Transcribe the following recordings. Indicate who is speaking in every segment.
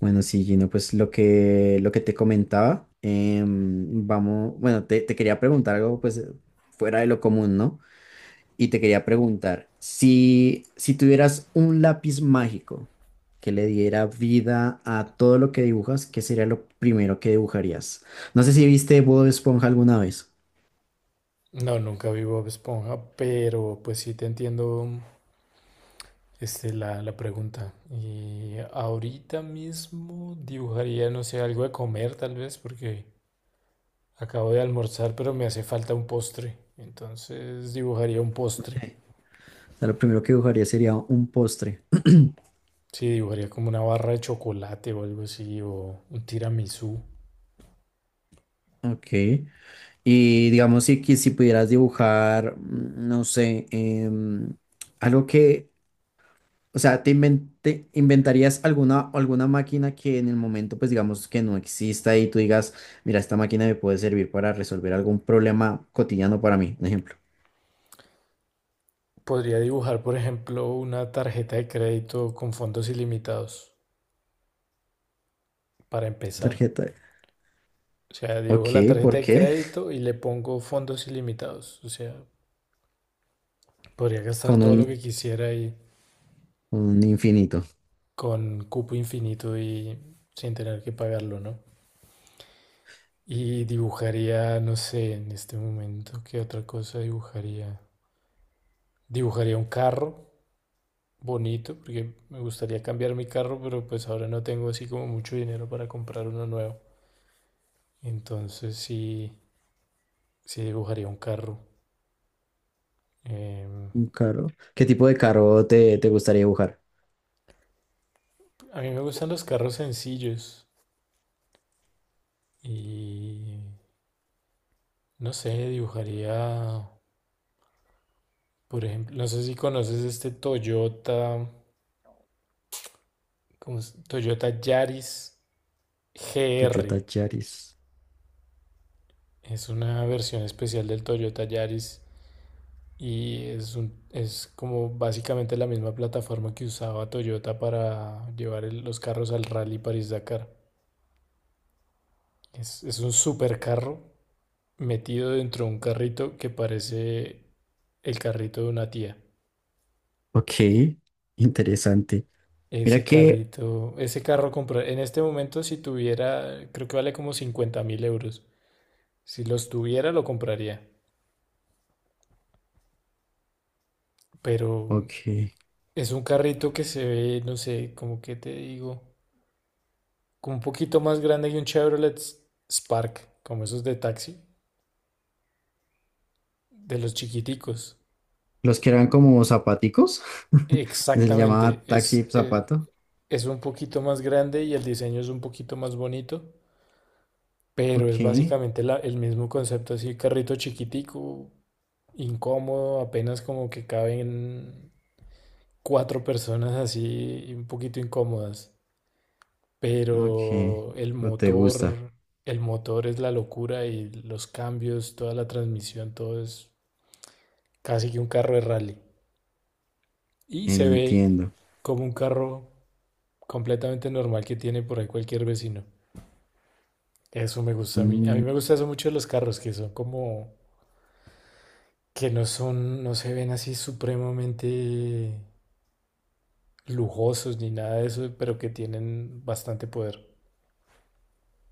Speaker 1: Bueno, sí, Gino, pues lo que te comentaba, vamos, bueno, te quería preguntar algo pues fuera de lo común, ¿no? Y te quería preguntar, si tuvieras un lápiz mágico que le diera vida a todo lo que dibujas, ¿qué sería lo primero que dibujarías? No sé si viste Bob Esponja alguna vez.
Speaker 2: No, nunca vi Bob Esponja, pero pues sí te entiendo la pregunta. Y ahorita mismo dibujaría, no sé, algo de comer tal vez, porque acabo de almorzar, pero me hace falta un postre. Entonces dibujaría un
Speaker 1: Ok.
Speaker 2: postre.
Speaker 1: O sea, lo primero que dibujaría sería un postre.
Speaker 2: Sí, dibujaría como una barra de chocolate o algo así, o un tiramisú.
Speaker 1: Ok. Y digamos, si pudieras dibujar, no sé, algo que... O sea, te inventarías alguna máquina que en el momento, pues digamos que no exista y tú digas, mira, esta máquina me puede servir para resolver algún problema cotidiano para mí, un ejemplo.
Speaker 2: Podría dibujar, por ejemplo, una tarjeta de crédito con fondos ilimitados, para empezar.
Speaker 1: Tarjeta, de-.
Speaker 2: O sea,
Speaker 1: Ok,
Speaker 2: dibujo la tarjeta
Speaker 1: ¿por
Speaker 2: de
Speaker 1: qué?
Speaker 2: crédito y le pongo fondos ilimitados. O sea, podría gastar
Speaker 1: Con
Speaker 2: todo lo que quisiera y
Speaker 1: un infinito.
Speaker 2: con cupo infinito y sin tener que pagarlo, ¿no? Y dibujaría, no sé, en este momento, ¿qué otra cosa dibujaría? Dibujaría un carro bonito, porque me gustaría cambiar mi carro, pero pues ahora no tengo así como mucho dinero para comprar uno nuevo. Entonces sí, sí dibujaría un carro. Em,
Speaker 1: Un carro. ¿Qué tipo de carro te gustaría dibujar?
Speaker 2: a mí me gustan los carros sencillos. Y no sé, dibujaría, por ejemplo, no sé si conoces este Toyota, ¿cómo es? Toyota Yaris
Speaker 1: Toyota
Speaker 2: GR.
Speaker 1: Yaris.
Speaker 2: Es una versión especial del Toyota Yaris y es como básicamente la misma plataforma que usaba Toyota para llevar los carros al Rally París-Dakar. Es un supercarro metido dentro de un carrito que parece el carrito de una tía.
Speaker 1: Ok, interesante. Mira
Speaker 2: Ese
Speaker 1: que,
Speaker 2: carrito, ese carro comprar, en este momento si tuviera, creo que vale como 50.000 euros. Si los tuviera lo compraría, pero
Speaker 1: ok,
Speaker 2: es un carrito que se ve, no sé, como que te digo, como un poquito más grande que un Chevrolet Spark, como esos de taxi, de los chiquiticos.
Speaker 1: los que eran como zapaticos, se les
Speaker 2: Exactamente,
Speaker 1: llamaba taxi zapato.
Speaker 2: es un poquito más grande y el diseño es un poquito más bonito. Pero es
Speaker 1: Ok.
Speaker 2: básicamente el mismo concepto, así carrito chiquitico, incómodo, apenas como que caben cuatro personas así, un poquito incómodas.
Speaker 1: Ok,
Speaker 2: Pero el
Speaker 1: o te gusta,
Speaker 2: motor, el motor es la locura y los cambios, toda la transmisión, todo es casi que un carro de rally. Y se ve
Speaker 1: entiendo.
Speaker 2: como un carro completamente normal que tiene por ahí cualquier vecino. Eso me gusta a mí. A mí
Speaker 1: Mm,
Speaker 2: me gusta eso mucho de los carros, que son como que no son, no se ven así supremamente lujosos ni nada de eso, pero que tienen bastante poder.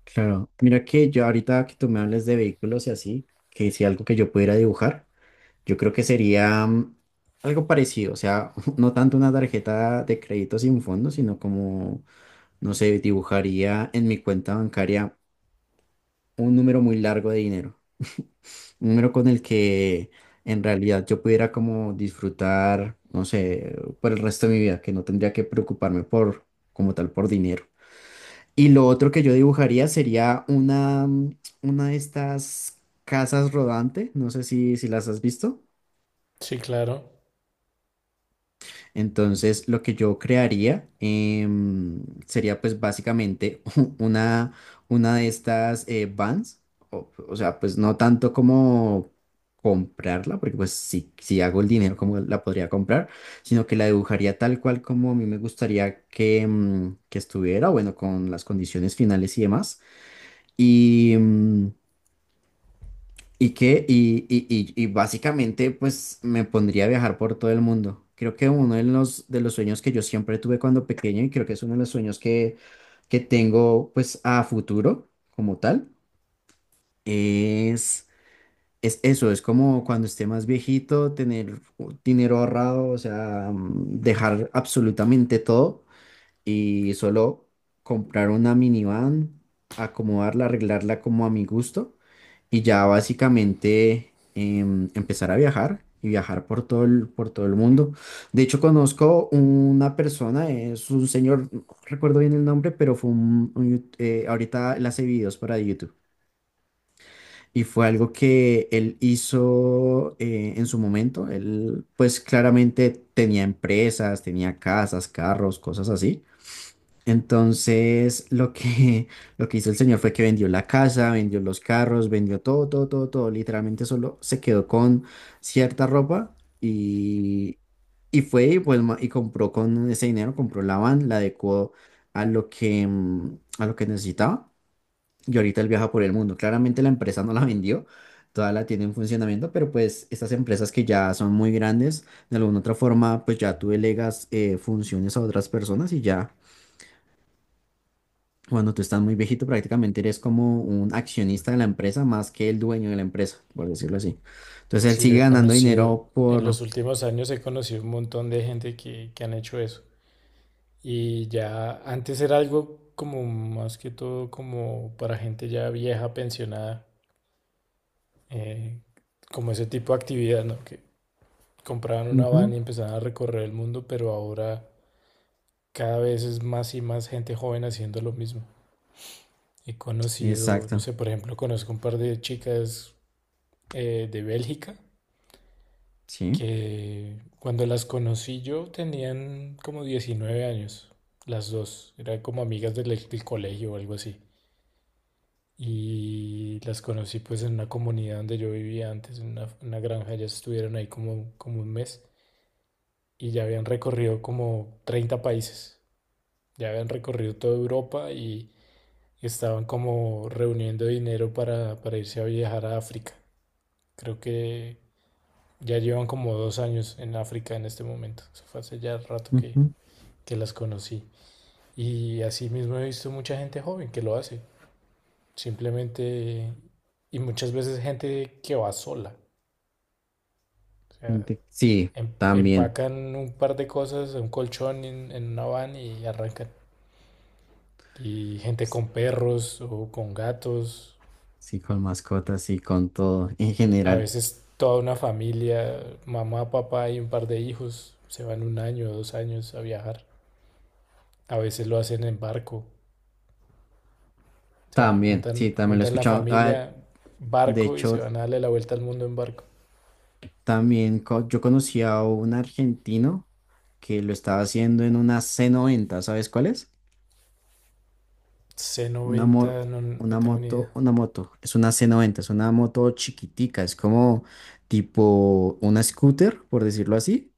Speaker 1: claro, mira que yo ahorita que tú me hables de vehículos y así, que si algo que yo pudiera dibujar, yo creo que sería algo parecido, o sea, no tanto una tarjeta de crédito sin fondo, sino como, no sé, dibujaría en mi cuenta bancaria un número muy largo de dinero. Un número con el que en realidad yo pudiera como disfrutar, no sé, por el resto de mi vida, que no tendría que preocuparme por, como tal, por dinero. Y lo otro que yo dibujaría sería una, una de estas casas rodante, no sé si, si las has visto.
Speaker 2: Sí, claro.
Speaker 1: Entonces, lo que yo crearía sería pues básicamente una, una de estas vans, o sea, pues no tanto como comprarla, porque pues si, si hago el dinero, como la podría comprar? Sino que la dibujaría tal cual como a mí me gustaría que, que estuviera, bueno, con las condiciones finales y demás. Y, y que, y básicamente, pues me pondría a viajar por todo el mundo. Creo que uno de de los sueños que yo siempre tuve cuando pequeño, y creo que es uno de los sueños que tengo, pues a futuro, como tal, es, es eso, es como cuando esté más viejito, tener dinero ahorrado, o sea, dejar absolutamente todo y solo comprar una minivan, acomodarla, arreglarla como a mi gusto y ya básicamente empezar a viajar y viajar por por todo el mundo. De hecho, conozco una persona, es un señor, no recuerdo bien el nombre, pero fue un, ahorita él hace videos para YouTube. Y fue algo que él hizo en su momento. Él, pues claramente tenía empresas, tenía casas, carros, cosas así. Entonces, lo que, lo que hizo el señor fue que vendió la casa, vendió los carros, vendió todo, todo, todo, todo. Literalmente solo se quedó con cierta ropa y fue y, pues, y compró con ese dinero, compró la van, la adecuó a lo que, a lo que necesitaba. Y ahorita él viaja por el mundo. Claramente la empresa no la vendió, toda la tiene en funcionamiento, pero pues estas empresas que ya son muy grandes, de alguna otra forma, pues ya tú delegas funciones a otras personas y ya. Cuando tú estás muy viejito, prácticamente eres como un accionista de la empresa más que el dueño de la empresa, por decirlo así. Entonces él
Speaker 2: Sí, yo
Speaker 1: sigue
Speaker 2: he
Speaker 1: ganando
Speaker 2: conocido,
Speaker 1: dinero
Speaker 2: en los
Speaker 1: por...
Speaker 2: últimos años he conocido un montón de gente que han hecho eso. Y ya antes era algo como más que todo como para gente ya vieja, pensionada, eh, como ese tipo de actividad, ¿no? Que compraban una van
Speaker 1: Ujú.
Speaker 2: y empezaban a recorrer el mundo, pero ahora cada vez es más y más gente joven haciendo lo mismo. He conocido, no
Speaker 1: Exacto,
Speaker 2: sé, por ejemplo, conozco un par de chicas de Bélgica
Speaker 1: sí.
Speaker 2: que cuando las conocí yo tenían como 19 años, las dos, eran como amigas del colegio o algo así. Y las conocí pues en una comunidad donde yo vivía antes, en una granja, ya estuvieron ahí como un mes y ya habían recorrido como 30 países, ya habían recorrido toda Europa y estaban como reuniendo dinero para irse a viajar a África. Creo que ya llevan como 2 años en África en este momento. Eso fue hace ya rato que,
Speaker 1: Ujú.
Speaker 2: que las conocí. Y así mismo he visto mucha gente joven que lo hace. Simplemente, y muchas veces gente que va sola. O sea,
Speaker 1: Gente-. Sí, también.
Speaker 2: empacan un par de cosas, un colchón en una van y arrancan. Y gente
Speaker 1: S-.
Speaker 2: con perros o con gatos.
Speaker 1: Sí, con mascotas sí, con todo en
Speaker 2: A
Speaker 1: general.
Speaker 2: veces toda una familia, mamá, papá y un par de hijos, se van un año o 2 años a viajar. A veces lo hacen en barco. O sea,
Speaker 1: También, sí,
Speaker 2: juntan,
Speaker 1: también lo he
Speaker 2: juntan la
Speaker 1: escuchado. Ah,
Speaker 2: familia,
Speaker 1: de
Speaker 2: barco y se
Speaker 1: hecho,
Speaker 2: van a darle la vuelta al mundo en barco.
Speaker 1: también yo conocí a un argentino que lo estaba haciendo en una c noventa, ¿sabes cuál es? Una,
Speaker 2: C90, no, no tengo ni idea.
Speaker 1: una moto, es una c noventa, es una moto chiquitica, es como tipo una scooter, por decirlo así,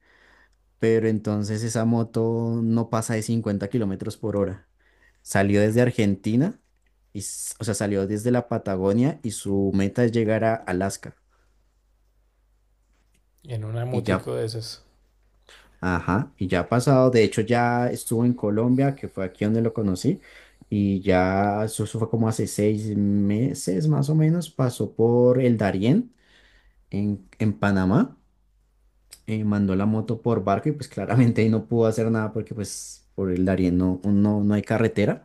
Speaker 1: pero entonces esa moto no pasa de 50 kilómetros por hora. Salió desde Argentina, y, o sea, salió desde la Patagonia y su meta es llegar a Alaska.
Speaker 2: Y en una
Speaker 1: Y ya...
Speaker 2: motico de esas.
Speaker 1: Ajá, y ya ha pasado, de hecho ya estuvo en Colombia, que fue aquí donde lo conocí, y ya eso fue como hace 6 meses más o menos, pasó por el Darién en Panamá, mandó la moto por barco y pues claramente ahí no pudo hacer nada porque pues por el Darién no hay carretera,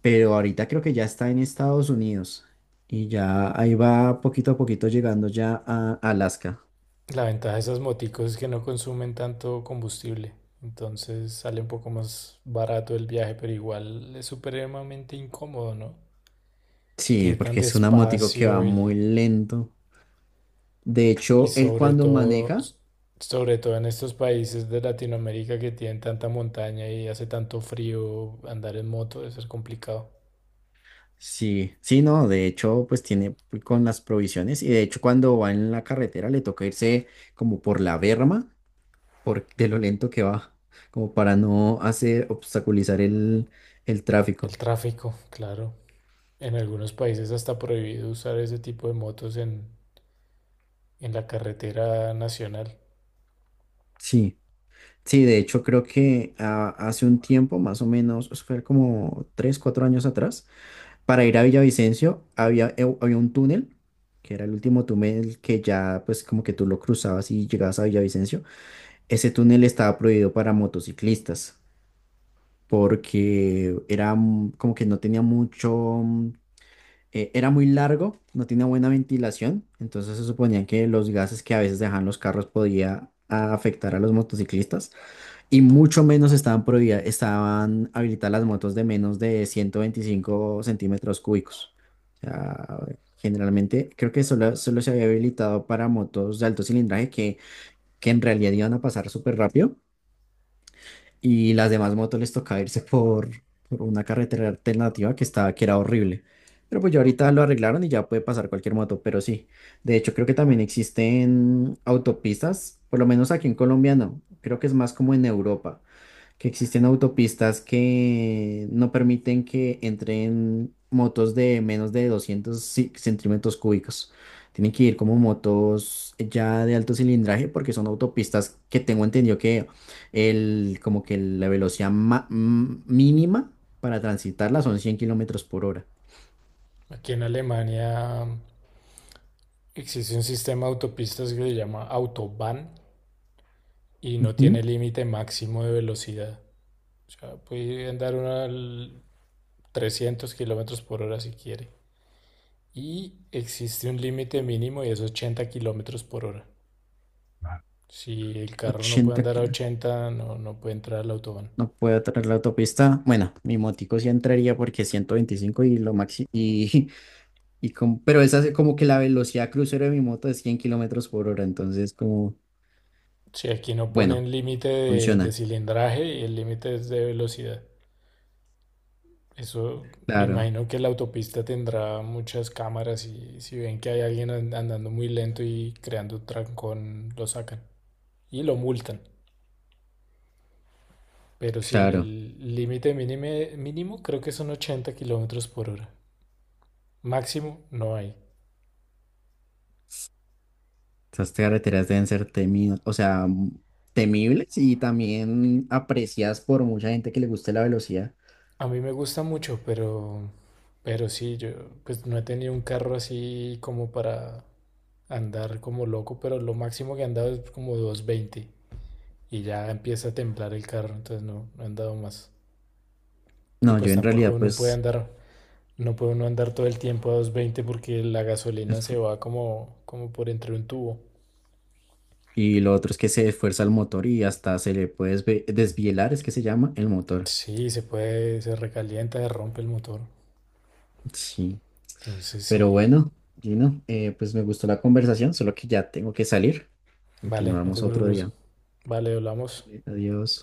Speaker 1: pero ahorita creo que ya está en Estados Unidos y ya ahí va poquito a poquito llegando ya a Alaska.
Speaker 2: La ventaja de esas moticos es que no consumen tanto combustible. Entonces sale un poco más barato el viaje, pero igual es supremamente incómodo, ¿no?
Speaker 1: Sí,
Speaker 2: Ir tan
Speaker 1: porque es un motico que va
Speaker 2: despacio. y
Speaker 1: muy lento. De
Speaker 2: Y
Speaker 1: hecho, él cuando maneja,
Speaker 2: sobre todo en estos países de Latinoamérica que tienen tanta montaña y hace tanto frío, andar en moto debe ser complicado.
Speaker 1: sí, sí, no, de hecho, pues tiene con las provisiones y de hecho cuando va en la carretera le toca irse como por la berma, por de lo lento que va, como para no hacer obstaculizar el
Speaker 2: El
Speaker 1: tráfico.
Speaker 2: tráfico, claro. En algunos países hasta prohibido usar ese tipo de motos en la carretera nacional.
Speaker 1: Sí, sí, de hecho creo que hace un tiempo, más o menos, eso fue como tres, cuatro años atrás, para ir a Villavicencio había, había un túnel, que era el último túnel que ya pues como que tú lo cruzabas y llegabas a Villavicencio. Ese túnel estaba prohibido para motociclistas porque era como que no tenía mucho, era muy largo, no tenía buena ventilación, entonces se suponía que los gases que a veces dejaban los carros podía afectar a los motociclistas y mucho menos estaban prohibidas, estaban habilitadas las motos de menos de 125 centímetros cúbicos. O sea, generalmente creo que solo se había habilitado para motos de alto cilindraje que en realidad iban a pasar súper rápido y las demás motos les tocaba irse por una carretera alternativa que estaba, que era horrible. Pero pues ya ahorita lo arreglaron y ya puede pasar cualquier moto, pero sí. De hecho, creo que también existen autopistas, por lo menos aquí en Colombia no, creo que es más como en Europa, que existen autopistas que no permiten que entren motos de menos de 200 centímetros cúbicos. Tienen que ir como motos ya de alto cilindraje porque son autopistas que tengo entendido que el, como que la velocidad mínima para transitarla son 100 kilómetros por hora.
Speaker 2: Aquí en Alemania existe un sistema de autopistas que se llama Autobahn y no
Speaker 1: Ujú.
Speaker 2: tiene límite máximo de velocidad. O sea, puede andar uno al 300 kilómetros por hora si quiere. Y existe un límite mínimo y es 80 kilómetros por hora. Si el carro no puede
Speaker 1: 80
Speaker 2: andar a
Speaker 1: kilos.
Speaker 2: 80 no, no puede entrar al autobahn.
Speaker 1: No puedo traer la autopista. Bueno, mi motico sí entraría porque 125 y lo máximo. Y... Y como, pero esa es como que la velocidad crucero de mi moto es 100 kilómetros por hora, entonces como,
Speaker 2: Si aquí no
Speaker 1: bueno,
Speaker 2: ponen límite de
Speaker 1: funciona.
Speaker 2: cilindraje y el límite es de velocidad. Eso me
Speaker 1: Claro,
Speaker 2: imagino que la autopista tendrá muchas cámaras y si ven que hay alguien andando muy lento y creando trancón, lo sacan y lo multan. Pero si el
Speaker 1: claro.
Speaker 2: el límite mínimo creo que son 80 kilómetros por hora. Máximo no hay.
Speaker 1: Esas carreteras deben ser temidas, o sea, temibles y también apreciadas por mucha gente que le guste la velocidad.
Speaker 2: A mí me gusta mucho, pero sí, yo pues no he tenido un carro así como para andar como loco, pero lo máximo que he andado es como 220 y ya empieza a temblar el carro, entonces no, no he andado más. Y
Speaker 1: No, yo
Speaker 2: pues
Speaker 1: en
Speaker 2: tampoco
Speaker 1: realidad
Speaker 2: uno puede
Speaker 1: pues,
Speaker 2: andar, no puede uno andar todo el tiempo a 220 porque la gasolina
Speaker 1: es...
Speaker 2: se va como por entre un tubo.
Speaker 1: Y lo otro es que se esfuerza el motor y hasta se le puede desvielar, es que se llama el motor.
Speaker 2: Sí, se puede, se recalienta, se rompe el motor.
Speaker 1: Sí,
Speaker 2: Entonces
Speaker 1: pero
Speaker 2: sí,
Speaker 1: bueno, Gino, pues me gustó la conversación, solo que ya tengo que salir.
Speaker 2: vale, no te
Speaker 1: Continuamos otro
Speaker 2: preocupes.
Speaker 1: día.
Speaker 2: Vale, hablamos.
Speaker 1: Vale, adiós.